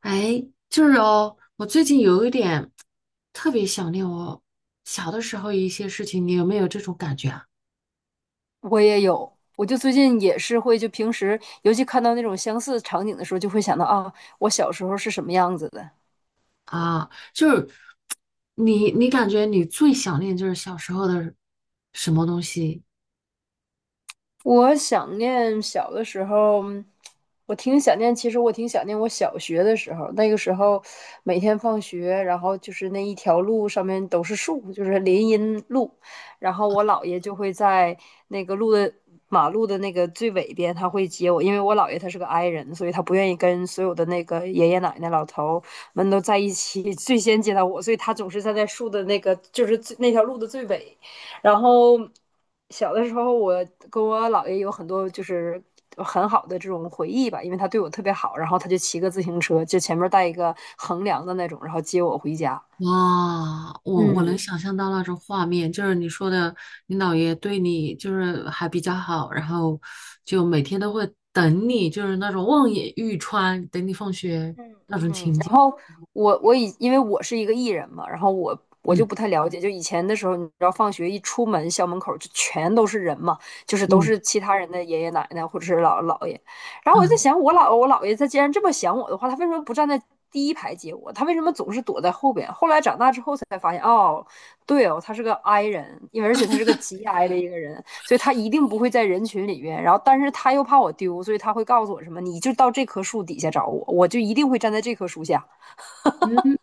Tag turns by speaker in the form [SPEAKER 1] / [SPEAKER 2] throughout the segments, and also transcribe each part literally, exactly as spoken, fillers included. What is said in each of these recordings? [SPEAKER 1] 哎，就是哦，我最近有一点特别想念我小的时候一些事情，你有没有这种感觉啊？
[SPEAKER 2] 我也有，我就最近也是会，就平时尤其看到那种相似场景的时候，就会想到啊，我小时候是什么样子的。
[SPEAKER 1] 啊，就是你，你感觉你最想念就是小时候的什么东西？
[SPEAKER 2] 我想念小的时候，我挺想念。其实我挺想念我小学的时候，那个时候每天放学，然后就是那一条路上面都是树，就是林荫路。然后我姥爷就会在那个路的马路的那个最尾边，他会接我，因为我姥爷他是个 i 人，所以他不愿意跟所有的那个爷爷奶奶、老头们都在一起，最先接到我，所以他总是站在树的那个，就是最那条路的最尾。然后小的时候，我跟我姥爷有很多就是很好的这种回忆吧，因为他对我特别好，然后他就骑个自行车，就前面带一个横梁的那种，然后接我回家。
[SPEAKER 1] 哇，我我能
[SPEAKER 2] 嗯
[SPEAKER 1] 想象到那种画面，就是你说的，你姥爷对你就是还比较好，然后就每天都会等你，就是那种望眼欲穿，等你放学。
[SPEAKER 2] 嗯嗯，然后我我以因为我是一个艺人嘛，然后我我就
[SPEAKER 1] 嗯
[SPEAKER 2] 不太了解，就以前的时候，你知道放学一出门，校门口就全都是人嘛，就是都
[SPEAKER 1] 嗯
[SPEAKER 2] 是其他人的爷爷奶奶或者是姥姥姥爷，然后我就在
[SPEAKER 1] 嗯。
[SPEAKER 2] 想，我姥我姥爷他既然这么想我的话，他为什么不站在第一排接我？他为什么总是躲在后边？后来长大之后才发现，哦，对哦，他是个 I 人，因为而且他是个极 I 的一个人，所以他一定不会在人群里面。然后，但是他又怕我丢，所以他会告诉我什么，你就到这棵树底下找我，我就一定会站在这棵树下。
[SPEAKER 1] 嗯，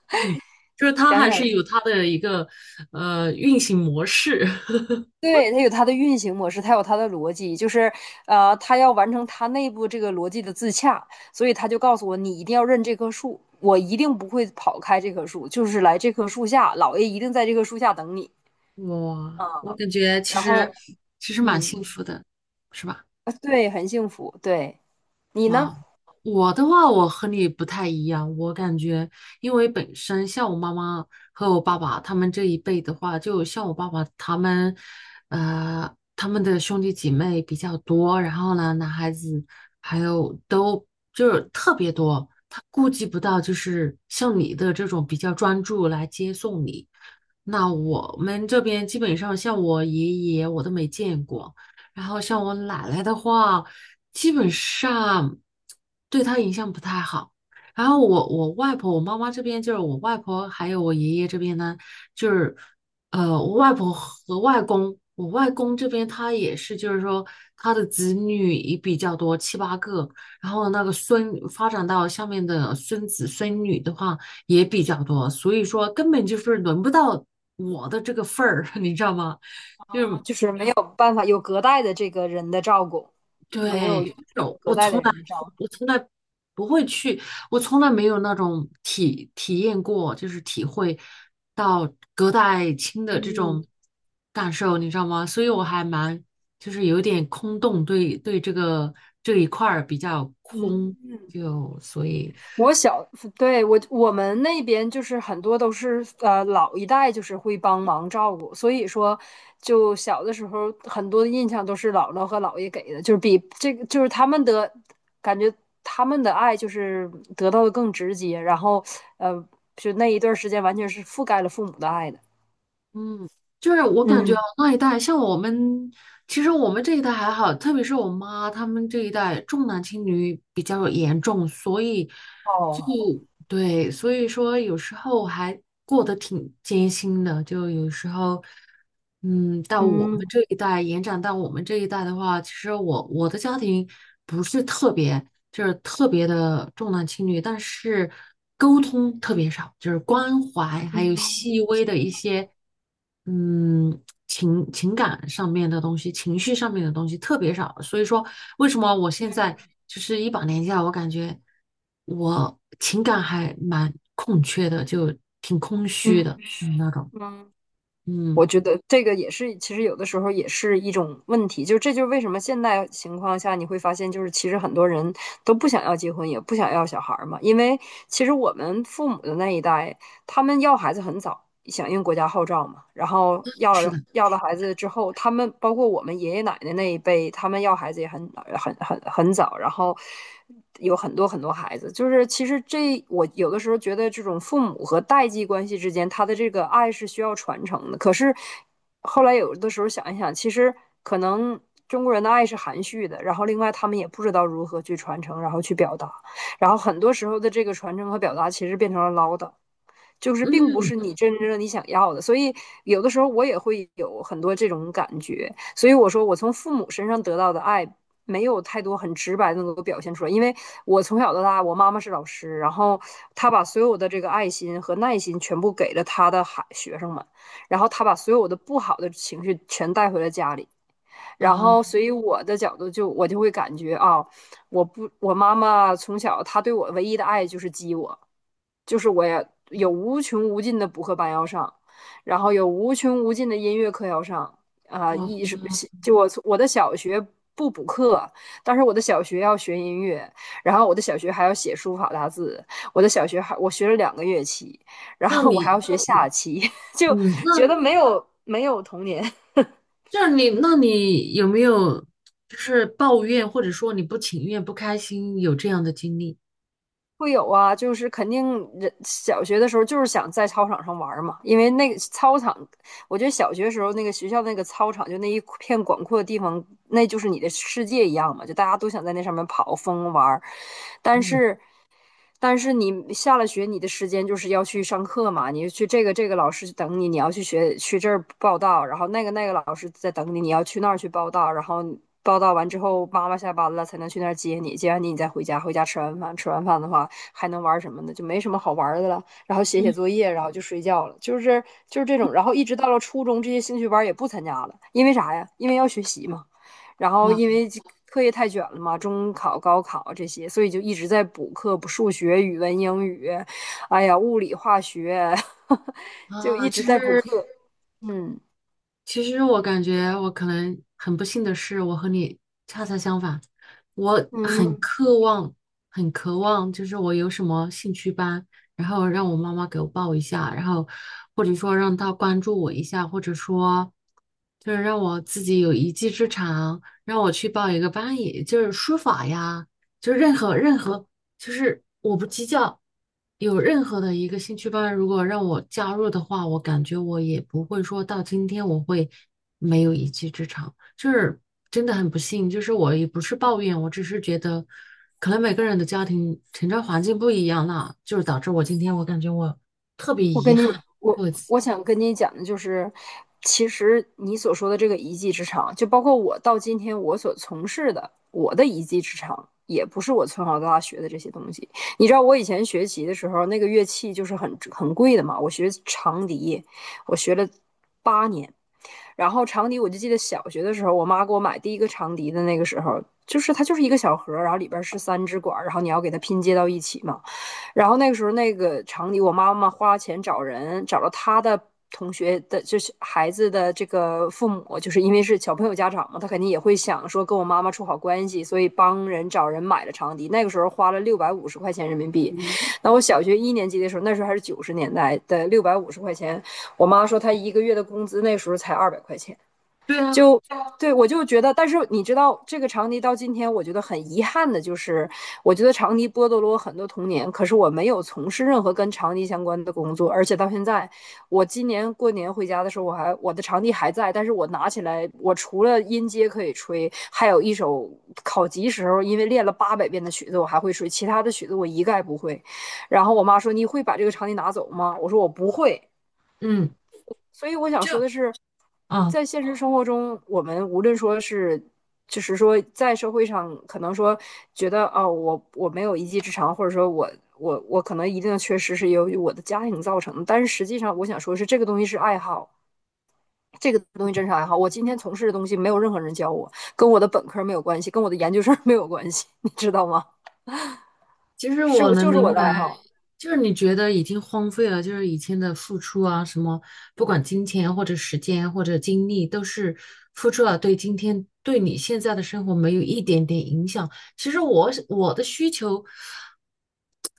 [SPEAKER 1] 就是它
[SPEAKER 2] 想
[SPEAKER 1] 还
[SPEAKER 2] 想，
[SPEAKER 1] 是有它的一个呃运行模式。
[SPEAKER 2] 对，它有它的运行模式，它有它的逻辑，就是呃，它要完成它内部这个逻辑的自洽，所以他就告诉我，你一定要认这棵树，我一定不会跑开这棵树，就是来这棵树下，老爷一定在这棵树下等你。
[SPEAKER 1] 哇，
[SPEAKER 2] 啊。
[SPEAKER 1] 我
[SPEAKER 2] 嗯
[SPEAKER 1] 感觉其
[SPEAKER 2] 然
[SPEAKER 1] 实
[SPEAKER 2] 后，
[SPEAKER 1] 其实蛮
[SPEAKER 2] 嗯，
[SPEAKER 1] 幸福的，是吧？
[SPEAKER 2] 啊对，很幸福。对，你呢？
[SPEAKER 1] 哇，我的话，我和你不太一样。我感觉，因为本身像我妈妈和我爸爸他们这一辈的话，就像我爸爸他们，呃，他们的兄弟姐妹比较多，然后呢，男孩子还有都就是特别多。他顾及不到，就是像你的这种比较专注来接送你。那我们这边基本上像我爷爷，我都没见过。然后像我奶奶的话，基本上对她影响不太好。然后我我外婆，我妈妈这边就是我外婆，还有我爷爷这边呢，就是呃，我外婆和外公，我外公这边他也是，就是说他的子女也比较多，七八个。然后那个孙发展到下面的孙子孙女的话也比较多，所以说根本就是轮不到我的这个份儿，你知道吗？就是
[SPEAKER 2] 就是没有办法有隔代的这个人的照顾，没
[SPEAKER 1] 对，
[SPEAKER 2] 有
[SPEAKER 1] 有，
[SPEAKER 2] 隔
[SPEAKER 1] 我
[SPEAKER 2] 代的
[SPEAKER 1] 从来
[SPEAKER 2] 人的照
[SPEAKER 1] 就
[SPEAKER 2] 顾。
[SPEAKER 1] 我从来不会去，我从来没有那种体体验过，就是体会到隔代亲的这
[SPEAKER 2] 嗯
[SPEAKER 1] 种感受，你知道吗？所以我还蛮就是有点空洞，对对这个这一块儿比较空，
[SPEAKER 2] 嗯，
[SPEAKER 1] 就所以
[SPEAKER 2] 我小，对，我我们那边就是很多都是呃老一代就是会帮忙照顾，所以说就小的时候很多的印象都是姥姥和姥爷给的，就是比这个就是他们的感觉他们的爱就是得到的更直接，然后呃就那一段时间完全是覆盖了父母的爱的。
[SPEAKER 1] 嗯，就是我感觉
[SPEAKER 2] 嗯，
[SPEAKER 1] 那一代像我们，其实我们这一代还好，特别是我妈他们这一代重男轻女比较严重，所以就。
[SPEAKER 2] 哦，
[SPEAKER 1] 对，所以说有时候我还过得挺艰辛的，就有时候，嗯，到我
[SPEAKER 2] 嗯
[SPEAKER 1] 们这一代，延展到我们这一代的话，其实我我的家庭不是特别，就是特别的重男轻女，但是沟通特别少，就是关怀还有
[SPEAKER 2] 嗯。
[SPEAKER 1] 细微的一些，嗯。情情感上面的东西、情绪上面的东西特别少，所以说为什么我现在就是一把年纪了，我感觉我情感还蛮空缺的，就挺空虚的，
[SPEAKER 2] 嗯
[SPEAKER 1] 就是那种，
[SPEAKER 2] 嗯，
[SPEAKER 1] 嗯，
[SPEAKER 2] 我觉得这个也是，其实有的时候也是一种问题，就这就是为什么现在情况下你会发现，就是其实很多人都不想要结婚，也不想要小孩儿嘛，因为其实我们父母的那一代，他们要孩子很早，响应国家号召嘛。然后要
[SPEAKER 1] 是
[SPEAKER 2] 了
[SPEAKER 1] 的，
[SPEAKER 2] 要了孩子之后，他们包括我们爷爷奶奶那一辈，他们要孩子也很很很很早，然后有很多很多孩子。就是其实这我有的时候觉得，这种父母和代际关系之间，他的这个爱是需要传承的。可是后来有的时候想一想，其实可能。中国人的爱是含蓄的，然后另外他们也不知道如何去传承，然后去表达，然后很多时候的这个传承和表达其实变成了唠叨，就是并不
[SPEAKER 1] 嗯
[SPEAKER 2] 是你真正你想要的，所以有的时候我也会有很多这种感觉。所以我说，我从父母身上得到的爱没有太多很直白的能够表现出来，因为我从小到大，我妈妈是老师，然后她把所有的这个爱心和耐心全部给了她的孩学生们，然后她把所有的不好的情绪全带回了家里，然
[SPEAKER 1] 啊，
[SPEAKER 2] 后所以我的角度就我就会感觉啊，哦我不，我妈妈从小她对我唯一的爱就是激我。就是我也有无穷无尽的补课班要上，然后有无穷无尽的音乐课要上啊，
[SPEAKER 1] 哇，
[SPEAKER 2] 一是就我从我的小学不补课，但是我的小学要学音乐，然后我的小学还要写书法大字，我的小学还我学了两个乐器，然
[SPEAKER 1] 那
[SPEAKER 2] 后我还要
[SPEAKER 1] 你
[SPEAKER 2] 学
[SPEAKER 1] 你
[SPEAKER 2] 下棋，就
[SPEAKER 1] 嗯，
[SPEAKER 2] 觉
[SPEAKER 1] 那
[SPEAKER 2] 得没有没有童年。
[SPEAKER 1] 这是你，那你有没有就是抱怨或者说你不情愿、不开心有这样的经历？
[SPEAKER 2] 会有啊，就是肯定人小学的时候就是想在操场上玩嘛，因为那个操场，我觉得小学时候那个学校那个操场就那一片广阔的地方，那就是你的世界一样嘛，就大家都想在那上面跑疯玩儿。但
[SPEAKER 1] 嗯
[SPEAKER 2] 是但是你下了学，你的时间就是要去上课嘛，你去这个这个老师等你，你要去学去这儿报到，然后那个那个老师在等你，你要去那儿去报到，然后报到完之后，妈妈下班了才能去那儿接你，接完你你再回家，回家吃完饭，吃完饭的话还能玩什么呢？就没什么好玩的了，然后写写
[SPEAKER 1] 嗯，
[SPEAKER 2] 作业，然后就睡觉了，就是就是这种，然后一直到了初中，这些兴趣班也不参加了，因为啥呀？因为要学习嘛。然后
[SPEAKER 1] 哇
[SPEAKER 2] 因为课业太卷了嘛，中考、高考这些，所以就一直在补课，补数学、语文、英语，哎呀，物理、化学，就
[SPEAKER 1] 啊，
[SPEAKER 2] 一直
[SPEAKER 1] 其
[SPEAKER 2] 在补
[SPEAKER 1] 实。
[SPEAKER 2] 课。嗯
[SPEAKER 1] 其实我感觉我可能很不幸的是，我和你恰恰相反，我很
[SPEAKER 2] 嗯，
[SPEAKER 1] 渴望，很渴望，就是我有什么兴趣班，然后让我妈妈给我报一下，然后或者说让她关注我一下，或者说就是让我自己有一技之长，让我去报一个班，也就是书法呀，就是任何任何就是我不计较有任何的一个兴趣班，如果让我加入的话，我感觉我也不会说到今天我会没有一技之长，就是真的很不幸，就是我也不是抱怨，我只是觉得可能每个人的家庭成长环境不一样啦，就是导致我今天我感觉我特别
[SPEAKER 2] 我
[SPEAKER 1] 遗
[SPEAKER 2] 跟你，
[SPEAKER 1] 憾。
[SPEAKER 2] 我我想跟你讲的就是，其实你所说的这个一技之长，就包括我到今天我所从事的我的一技之长，也不是我从小到大学的这些东西。你知道我以前学习的时候，那个乐器就是很很贵的嘛，我学长笛，我学了八年。然后长笛，我就记得小学的时候，我妈给我买第一个长笛的那个时候，就是它就是一个小盒儿，然后里边儿是三支管儿，然后你要给它拼接到一起嘛。然后那个时候那个长笛我妈妈花钱找人，找了她的同学的，就是孩子的这个父母，就是因为是小朋友家长嘛，他肯定也会想说跟我妈妈处好关系，所以帮人找人买了长笛。那个时候花了六百五十块钱人民币。那我小学一年级的时候，那时候还是九十年代的六百五十块钱，我妈说她一个月的工资那时候才二百块钱。
[SPEAKER 1] 对啊，
[SPEAKER 2] 就对我就觉得，但是你知道，这个长笛到今天，我觉得很遗憾的就是，我觉得长笛剥夺了我很多童年。可是我没有从事任何跟长笛相关的工作，而且到现在，我今年过年回家的时候，我还我的长笛还在，但是我拿起来，我除了音阶可以吹，还有一首考级时候因为练了八百遍的曲子，我还会吹，其他的曲子我一概不会。然后我妈说：“你会把这个长笛拿走吗？”我说：“我不会。”
[SPEAKER 1] 嗯，
[SPEAKER 2] 所以我想说
[SPEAKER 1] 就
[SPEAKER 2] 的是，
[SPEAKER 1] 啊。
[SPEAKER 2] 在现实生活中，我们无论说是，就是说在社会上，可能说觉得哦，我我没有一技之长，或者说我我我可能一定的缺失是由于我的家庭造成的。但是实际上，我想说是这个东西是爱好，这个东西真是爱好。我今天从事的东西没有任何人教我，跟我的本科没有关系，跟我的研究生没有关系，你知道吗？
[SPEAKER 1] 其实
[SPEAKER 2] 是
[SPEAKER 1] 我
[SPEAKER 2] 我
[SPEAKER 1] 能
[SPEAKER 2] 就是我
[SPEAKER 1] 明
[SPEAKER 2] 的
[SPEAKER 1] 白，
[SPEAKER 2] 爱好，
[SPEAKER 1] 就是你觉得已经荒废了，就是以前的付出啊，什么不管金钱或者时间或者精力，都是付出了，对今天对你现在的生活没有一点点影响。其实我是我的需求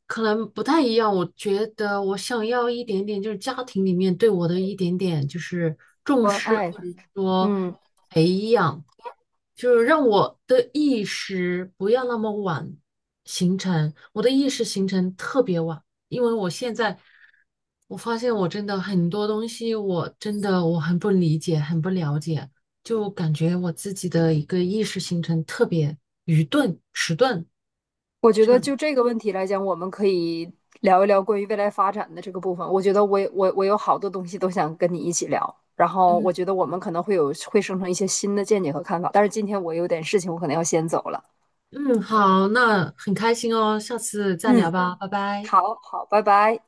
[SPEAKER 1] 可能不太一样，我觉得我想要一点点，就是家庭里面对我的一点点就是重
[SPEAKER 2] 关
[SPEAKER 1] 视，
[SPEAKER 2] 爱，
[SPEAKER 1] 或者说
[SPEAKER 2] 嗯。
[SPEAKER 1] 培养。就是让我的意识不要那么晚形成，我的意识形成特别晚，因为我现在我发现我真的很多东西，我真的我很不理解，很不了解，就感觉我自己的一个意识形成特别愚钝、迟钝，
[SPEAKER 2] 我觉
[SPEAKER 1] 就
[SPEAKER 2] 得
[SPEAKER 1] 是
[SPEAKER 2] 就这个问题来讲，我们可以聊一聊关于未来发展的这个部分。我觉得我我我有好多东西都想跟你一起聊，然后我
[SPEAKER 1] 嗯
[SPEAKER 2] 觉得我们可能会有会生成一些新的见解和看法。但是今天我有点事情，我可能要先走了。
[SPEAKER 1] 嗯，好，那很开心哦，下次再聊
[SPEAKER 2] 嗯，
[SPEAKER 1] 吧。
[SPEAKER 2] 好好，拜拜。